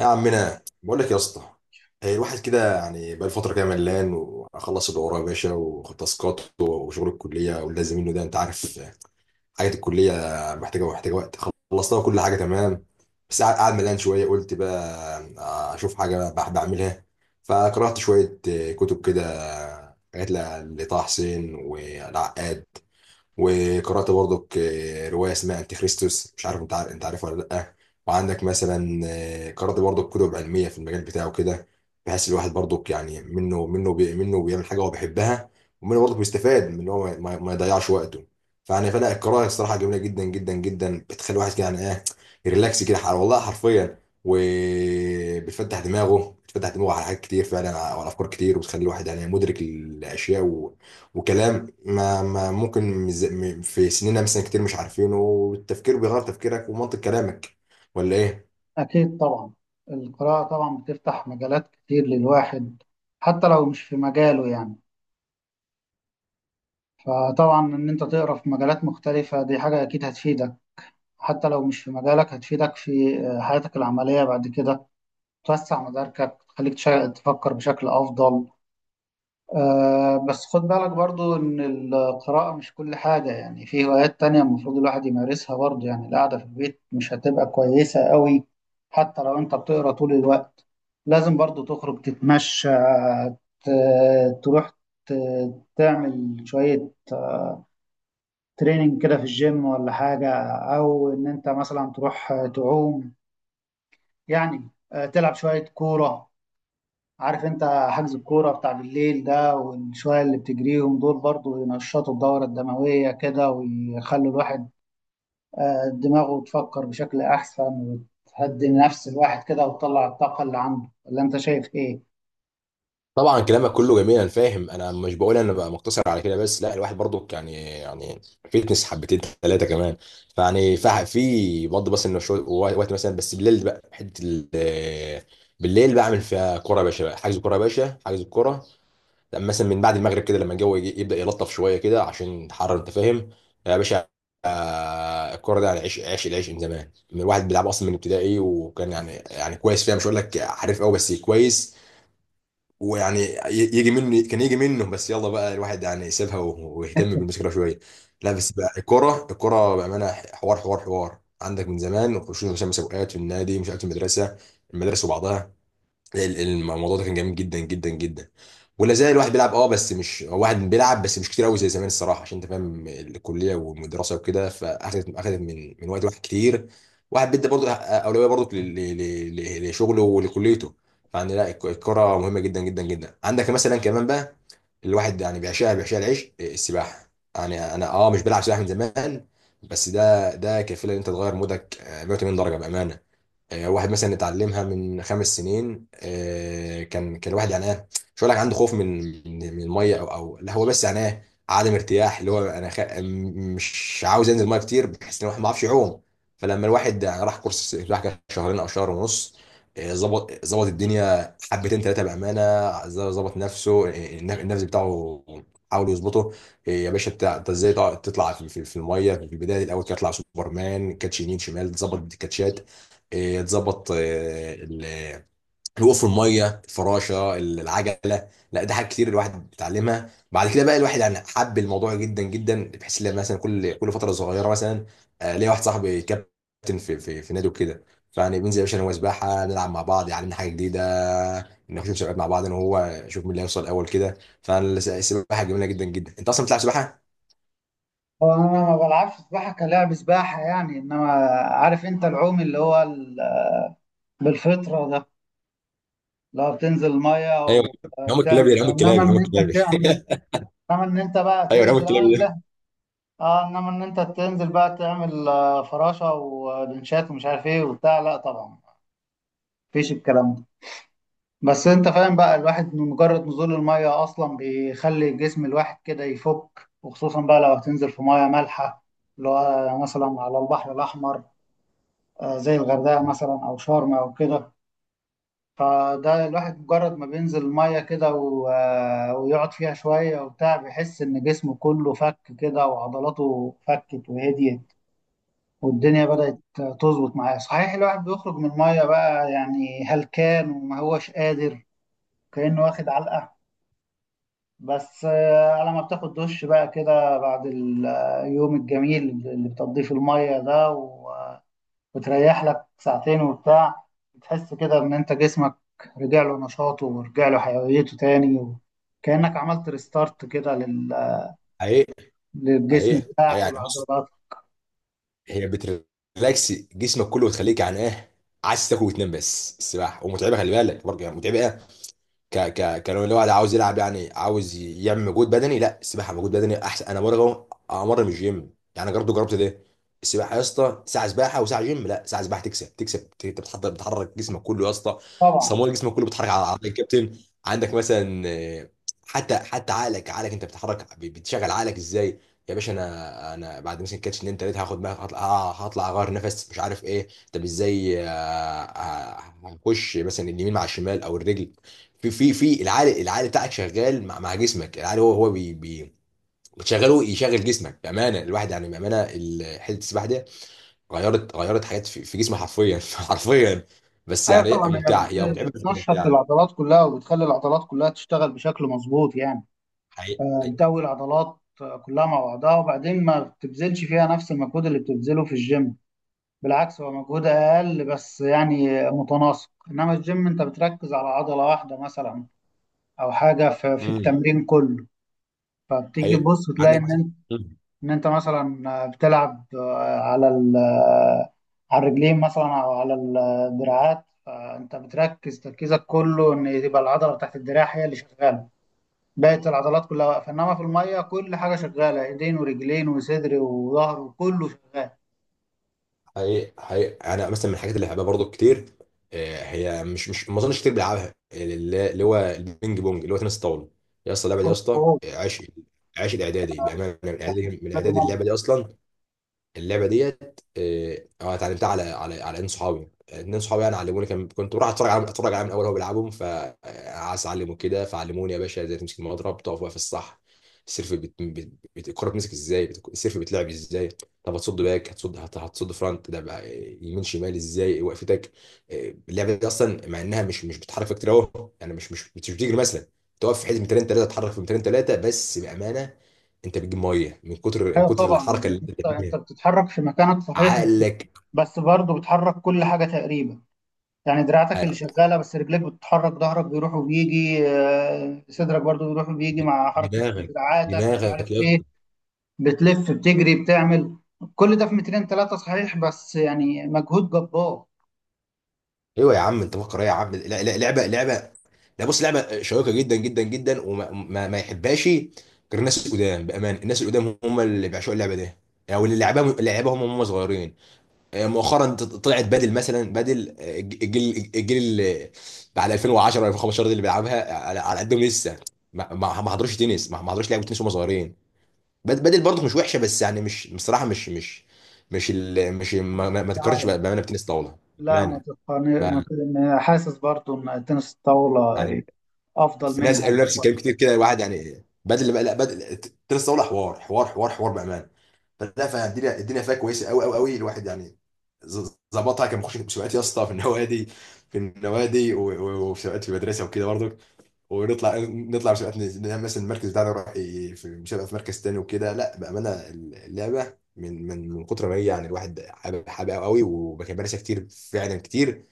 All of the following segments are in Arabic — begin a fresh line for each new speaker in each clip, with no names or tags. يا عمنا، بقول لك يا اسطى. هي الواحد كده يعني بقى فتره كده ملان واخلص اللي ورايا يا باشا، وتاسكات وشغل الكليه واللازم منه ده، انت عارف. حاجه الكليه محتاجه وقت. خلصتها كل حاجه تمام. بس قاعد ملان شويه قلت بقى اشوف حاجه بعملها فقرات شويه، كتب كده، حاجات لطه حسين والعقاد. وقرأت برضك رواية اسمها أنتي خريستوس، مش عارف أنت عارف أنت عارفها ولا لأ. وعندك مثلا قرأت برضك كتب علمية في المجال بتاعه كده، بحيث الواحد برضك يعني منه بيعمل حاجة هو بيحبها، ومنه برضك بيستفاد من إن هو ما يضيعش وقته. فأنا القراءة الصراحة جميلة جدا جدا جدا، بتخلي الواحد كده يعني إيه، ريلاكس كده، والله حرفيا. وبتفتح دماغه على حاجات كتير، فعلا على أفكار كتير، وتخلي الواحد يعني مدرك الأشياء وكلام ما ممكن في سننا مثلا كتير مش عارفينه، والتفكير بيغير تفكيرك ومنطق كلامك، ولا ايه؟
أكيد طبعا. القراءة طبعا بتفتح مجالات كتير للواحد، حتى لو مش في مجاله يعني. فطبعا إن أنت تقرأ في مجالات مختلفة دي حاجة أكيد هتفيدك، حتى لو مش في مجالك هتفيدك في حياتك العملية بعد كده. توسع مداركك، تخليك تفكر بشكل أفضل. آه، بس خد بالك برضو إن القراءة مش كل حاجة، يعني في هوايات تانية المفروض الواحد يمارسها برضو. يعني القعدة في البيت مش هتبقى كويسة قوي حتى لو أنت بتقرأ طول الوقت، لازم برضو تخرج تتمشى، ت- تروح، تعمل شوية تريننج كده في الجيم ولا حاجة، أو إن أنت مثلا تروح تعوم. يعني تلعب شوية كورة، عارف انت، حجز الكورة بتاع بالليل ده والشوية اللي بتجريهم دول برضو ينشطوا الدورة الدموية كده، ويخلوا الواحد دماغه تفكر بشكل أحسن، وتهدي نفس الواحد كده وتطلع الطاقة اللي عنده. ولا انت شايف ايه؟
طبعا كلامك كله جميل، انا فاهم، انا مش بقول انا بقى مقتصر على كده بس، لا الواحد برضو يعني فيتنس حبتين ثلاثه كمان. في برضه، بس انه شويه وقت مثلا، بس بالليل بقى بالليل بعمل فيها كوره يا باشا بقى. حجز كوره يا باشا، حجز الكوره. لما مثلا من بعد المغرب كده، لما الجو يبدا يلطف شويه كده عشان تحرر، انت فاهم يا باشا. الكوره دي يعني، عيش عيش العيش من زمان، من الواحد بيلعب اصلا من ابتدائي، وكان يعني كويس فيها، مش هقول لك حريف قوي بس كويس. ويعني يجي منه كان يجي منه، بس يلا بقى الواحد يعني سابها ويهتم بالمذاكره شويه. لا بس بقى الكوره بامانه حوار حوار حوار عندك من زمان، وخشوا مسابقات في النادي، مش عارف في المدرسه وبعضها. الموضوع ده كان جميل جدا جدا جدا، ولا زال الواحد بيلعب بس مش واحد بيلعب بس مش كتير قوي زي زمان الصراحه، عشان انت فاهم الكليه والدراسه وكده، فاخدت من وقت واحد كتير. واحد بيدي برضه اولويه برضه لشغله ولكليته. فعندنا لا الكره مهمه جدا جدا جدا. عندك مثلا كمان بقى، الواحد يعني بيعشقها العيش. السباحه، يعني انا مش بلعب سباحه من زمان، بس ده كفيل ان انت تغير مودك 180 درجه بامانه. واحد مثلا اتعلمها من 5 سنين. كان الواحد يعني ايه، مش هقول لك عنده خوف من من الميه، او لا، هو بس يعني ايه، عدم ارتياح، اللي هو انا مش عاوز انزل الميه كتير بحيث ان الواحد ما يعرفش يعوم. فلما الواحد يعني راح كورس سباحه كده شهرين او شهر ونص، ظبط الدنيا حبتين ثلاثه بامانه. ظبط نفسه، النفس بتاعه، حاول يظبطه. إيه يا باشا انت ازاي تطلع في الميه في البدايه، الاول تطلع سوبرمان كاتش يمين شمال، تظبط الكاتشات تظبط الوقوف في الميه، الفراشه، العجله. لا ده حاجات كتير الواحد بيتعلمها بعد كده. بقى الواحد يعني حب الموضوع جدا جدا، بحيث ان مثلا كل فتره صغيره مثلا. ليا واحد صاحبي كابتن في نادي وكده، فيعني بننزل يا باشا انا وهو سباحه، نلعب مع بعض، يعلمنا حاجه جديده، نخش مسابقات مع بعض انا وهو، نشوف مين اللي هيوصل اول كده. فالسباحه جميله جدا جدا. انت اصلا بتلعب سباحه؟
هو انا ما بلعبش سباحة كلاعب سباحة يعني، انما عارف انت، العوم اللي هو بالفطرة ده، لو بتنزل المية
ايوه، نعوم الكلابي ده،
وتعمل،
نعوم
انما
الكلابي، نعوم
ان انت
الكلابي.
بتعمل، انما ان انت بقى
ايوه نعوم
تنزل.
الكلابي ده.
اه، انما ان انت تنزل بقى تعمل فراشة ولنشات ومش عارف ايه وبتاع. لا طبعا، مفيش الكلام ده. بس انت فاهم بقى، الواحد من مجرد نزول المية اصلا بيخلي جسم الواحد كده يفك، وخصوصا بقى لو هتنزل في مية مالحة اللي هو مثلا على البحر الاحمر، زي الغردقة مثلا او شرم او كده. فده الواحد مجرد ما بينزل المية كده ويقعد فيها شوية وبتاع، بيحس ان جسمه كله فك كده وعضلاته فكت وهديت، والدنيا بدأت تظبط معايا. صحيح الواحد بيخرج من المية بقى يعني هلكان وما هوش قادر، كأنه واخد علقة، بس على ما بتاخد دش بقى كده بعد اليوم الجميل اللي بتقضيه في المية ده وتريح لك ساعتين وبتاع، بتحس كده إن أنت جسمك رجع له نشاطه ورجع له حيويته تاني، وكأنك عملت ريستارت كده
حقيقي،
للجسم
حقيقي، حقيقي.
بتاعك
يعني بص،
والعضلات.
هي بتريلاكس جسمك كله وتخليك يعني ايه، عايز تاكل وتنام. بس السباحه ومتعبه، خلي بالك برضه يعني متعبه. ك ك كلو الواحد عاوز يلعب، يعني عاوز يعمل مجهود بدني، لا السباحه مجهود بدني احسن. انا مره امر من الجيم يعني، برضه جربت ده. السباحه يا اسطى، ساعه سباحه وساعه جيم، لا ساعه سباحه تكسب. انت بتحضر، بتحرك جسمك كله يا اسطى،
طبعا.
صمول جسمك كله، بتحرك على عضلات الكابتن. عندك مثلا حتى عقلك انت بتحرك، بتشغل عقلك ازاي. يا باشا انا بعد مثلا كاتش اتنين تلاته هاخد بقى، هطلع، هطلع اغير نفس، مش عارف ايه، طب ازاي، هنخش مثلا اليمين مع الشمال او الرجل. في العقل بتاعك شغال مع جسمك، العقل هو هو بي بي بتشغله يشغل جسمك بامانه. الواحد يعني بامانه حته السباحه دي غيرت حاجات في جسمي حرفيا حرفيا. بس
ايوه
يعني
طبعا، هي
ممتعه. هي متعبه بس هي
بتنشط
ممتعه.
العضلات كلها وبتخلي العضلات كلها تشتغل بشكل مظبوط يعني.
حقيقي، حقيقي.
بتقوي العضلات كلها مع بعضها، وبعدين ما بتبذلش فيها نفس المجهود اللي بتبذله في الجيم، بالعكس هو مجهود اقل بس يعني متناسق. انما الجيم انت بتركز على عضلة واحدة مثلا، او حاجة في
امم
التمرين كله. فبتيجي
حقيقي.
تبص تلاقي
عندك مثلا.
ان
مم.
ان انت مثلا بتلعب آه، على ال- آه، على الرجلين مثلا او على الدراعات، فانت بتركز تركيزك كله ان تبقى العضله بتاعت الدراع هي اللي شغاله، بقيه العضلات كلها واقفه. انما في الميه كل حاجه شغاله، ايدين ورجلين وصدر وظهر وكله شغال.
حقيقي، حقيقي، انا مثلا من الحاجات اللي بحبها برضو كتير هي، مش ما اظنش كتير بلعبها، اللي هو البينج بونج، اللي هو تنس الطاوله. يا اسطى اللعبه دي
هو
يا اسطى،
هو
عشق الاعدادي بامانه، من الاعدادي من
ده
الاعدادي اللعبه
دماغك.
دي اصلا. اللعبه ديت اتعلمتها على ان صحابي اتنين صحابي يعني علموني، كان كنت بروح اتفرج عليهم الاول وهو بيلعبهم، فعايز اعلمه كده فعلموني يا باشا ازاي تمسك المضرب، تقف واقف الصح. السيرف الكره بتمسك ازاي، السيرف بيتلعب ازاي، طب هتصد باك، هتصد فرونت ده بقى يمين شمال، ازاي وقفتك، آه، اللعبه دي اصلا، مع انها مش بتحرك كتير اهو، يعني مش بتجري مثلا. تقف في حته 200 3 تتحرك في 200 3 بس بامانه، انت بتجيب ميه من كتر من
ايوه
كتر
طبعا،
الحركه
لأن
اللي انت
انت
بتعملها.
بتتحرك في مكانك صحيح، بس
عقلك،
بس برضه بتحرك كل حاجه تقريبا، يعني دراعتك اللي شغاله بس، رجليك بتتحرك، ظهرك بيروح وبيجي، صدرك برضو بيروح وبيجي مع حركه
دماغك،
دراعاتك مش
دماغك
عارف
يا
ايه،
اسطى.
بتلف بتجري بتعمل كل ده في مترين ثلاثه صحيح، بس يعني مجهود جبار.
ايوه يا عم، انت فكر ايه يا عم؟ لا لا، لعبه، لعبه. لا بص لعبه شيقه جدا جدا جدا، وما ما, ما يحبهاش غير الناس القدام بامان... الناس القدام هم اللي بيعشقوا اللعبه دي، او اللي لعبها هم صغيرين. مؤخرا طلعت بدل مثلا بدل آه، الجيل اللي بعد 2010 و 2015 ده اللي بيلعبها على قدهم لسه، ما حضروش تنس، ما حضروش لعبه تنس وهم صغيرين. بدل برضه مش وحشه، بس يعني مش بصراحه مش ما, ما
مش
ما تتقارنش
عارف،
بامانه بتنس طاوله
لا، ما
بامانه.
تقني،
ما-
ما حاسس برضو ان تنس الطاوله
يعني
افضل
في ناس
منها
قالوا نفس
شويه.
الكلام كتير كده. الواحد يعني بدل بقى لا، بدل تنس طاوله حوار حوار حوار حوار بامانه. فالدنيا فيها كويسه قوي قوي قوي. الواحد يعني ظبطها، كان بيخش مسابقات يا اسطى في النوادي، في النوادي وفي سباقات في المدرسه وكده برضه. ونطلع مسابقات، نعمل مثلا المركز بتاعنا يروح في مسابقه في مركز تاني وكده. لا بامانه اللعبه من كتر ما هي، يعني الواحد حاببها قوي، وكان مارسها كتير فعلا كتير.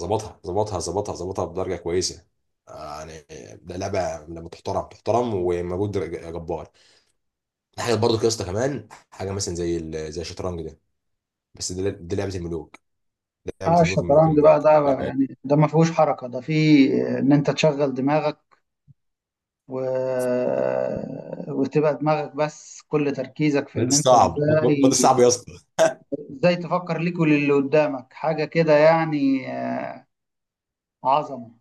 ظبطها بدرجه كويسه. يعني ده لعبه لما تحترم تحترم ومجهود جبار. حاجه برضو يا اسطى كمان، حاجه مثلا زي الشطرنج ده، بس ده لعبه الملوك. ده لعبه
اه
الملوك الملوك
الشطرنج بقى
الملوك
ده،
بقى.
يعني ده ما فيهوش حركه، ده فيه ان انت تشغل دماغك و... وتبقى دماغك بس، كل تركيزك في
ده
ان انت
صعب، ده
ازاي،
صعب يا اسطى،
ازاي تفكر ليك وللي قدامك حاجة كده يعني عظمة.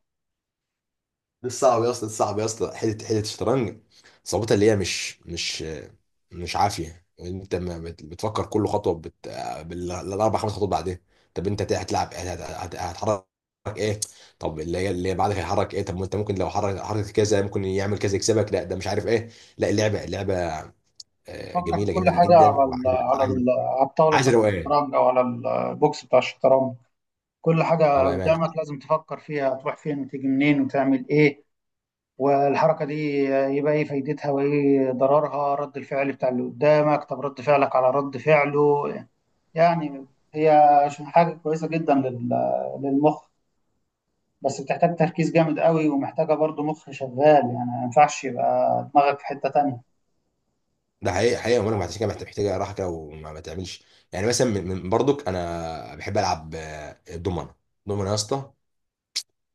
ده صعب يا اسطى، ده صعب يا اسطى، حته الشطرنج صعوبتها اللي هي مش عافيه. انت ما بتفكر كل خطوه بالاربع خمس خطوات بعدين. طب انت هتلعب، هتحرك ايه؟ طب اللي بعدك هيحرك ايه؟ طب ما انت ممكن لو حركت كذا ممكن يعمل كذا يكسبك. لا ده مش عارف ايه، لا اللعبه
تفكر في
جميله
كل
جميله
حاجة
جدا، وعايز عايز
على الطاولة
عايز
بتاعت
روقان.
الشطرنج، او على البوكس بتاع الشطرنج. كل
اه
حاجة
بامانه،
قدامك لازم تفكر فيها، تروح فين وتيجي منين وتعمل ايه، والحركة دي يبقى ايه فايدتها وايه ضررها، رد الفعل بتاع اللي قدامك، طب رد فعلك على رد فعله. يعني هي حاجة كويسة جدا للمخ، بس بتحتاج تركيز جامد قوي، ومحتاجة برضو مخ شغال يعني، ما ينفعش يبقى دماغك في حتة تانية.
ده حقيقة حقيقة. وانا عشان كده محتاجة راحة كده وما ما تعملش يعني. مثلا من برضك انا بحب العب الدومنة. الدومنة يا اسطى،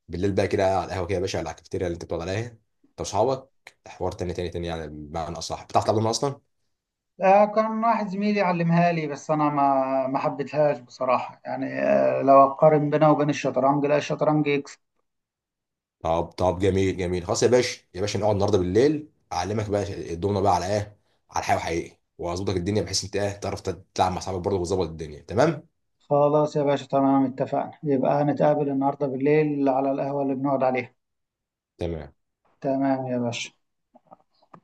بالليل بقى كده على القهوة كده يا باشا، على الكافيتيريا اللي انت بتقعد عليها انت واصحابك، حوار تاني تاني تاني يعني. بمعنى اصح، بتعرف تلعب دومنة اصلا؟
كان واحد زميلي علمها لي، بس أنا ما حبيتهاش بصراحة، يعني لو أقارن بينها وبين الشطرنج، لا الشطرنج يكسب.
طب جميل جميل، خلاص يا باشا، يا باشا نقعد النهارده بالليل اعلمك بقى الدومنة بقى على ايه؟ على الحقيقة، وحقيقي واظبطك الدنيا بحيث انت ايه، تعرف تلعب مع اصحابك برضه وتظبط الدنيا، تمام؟
خلاص يا باشا، تمام اتفقنا، يبقى هنتقابل النهاردة بالليل على القهوة اللي بنقعد عليها.
تمام.
تمام يا باشا.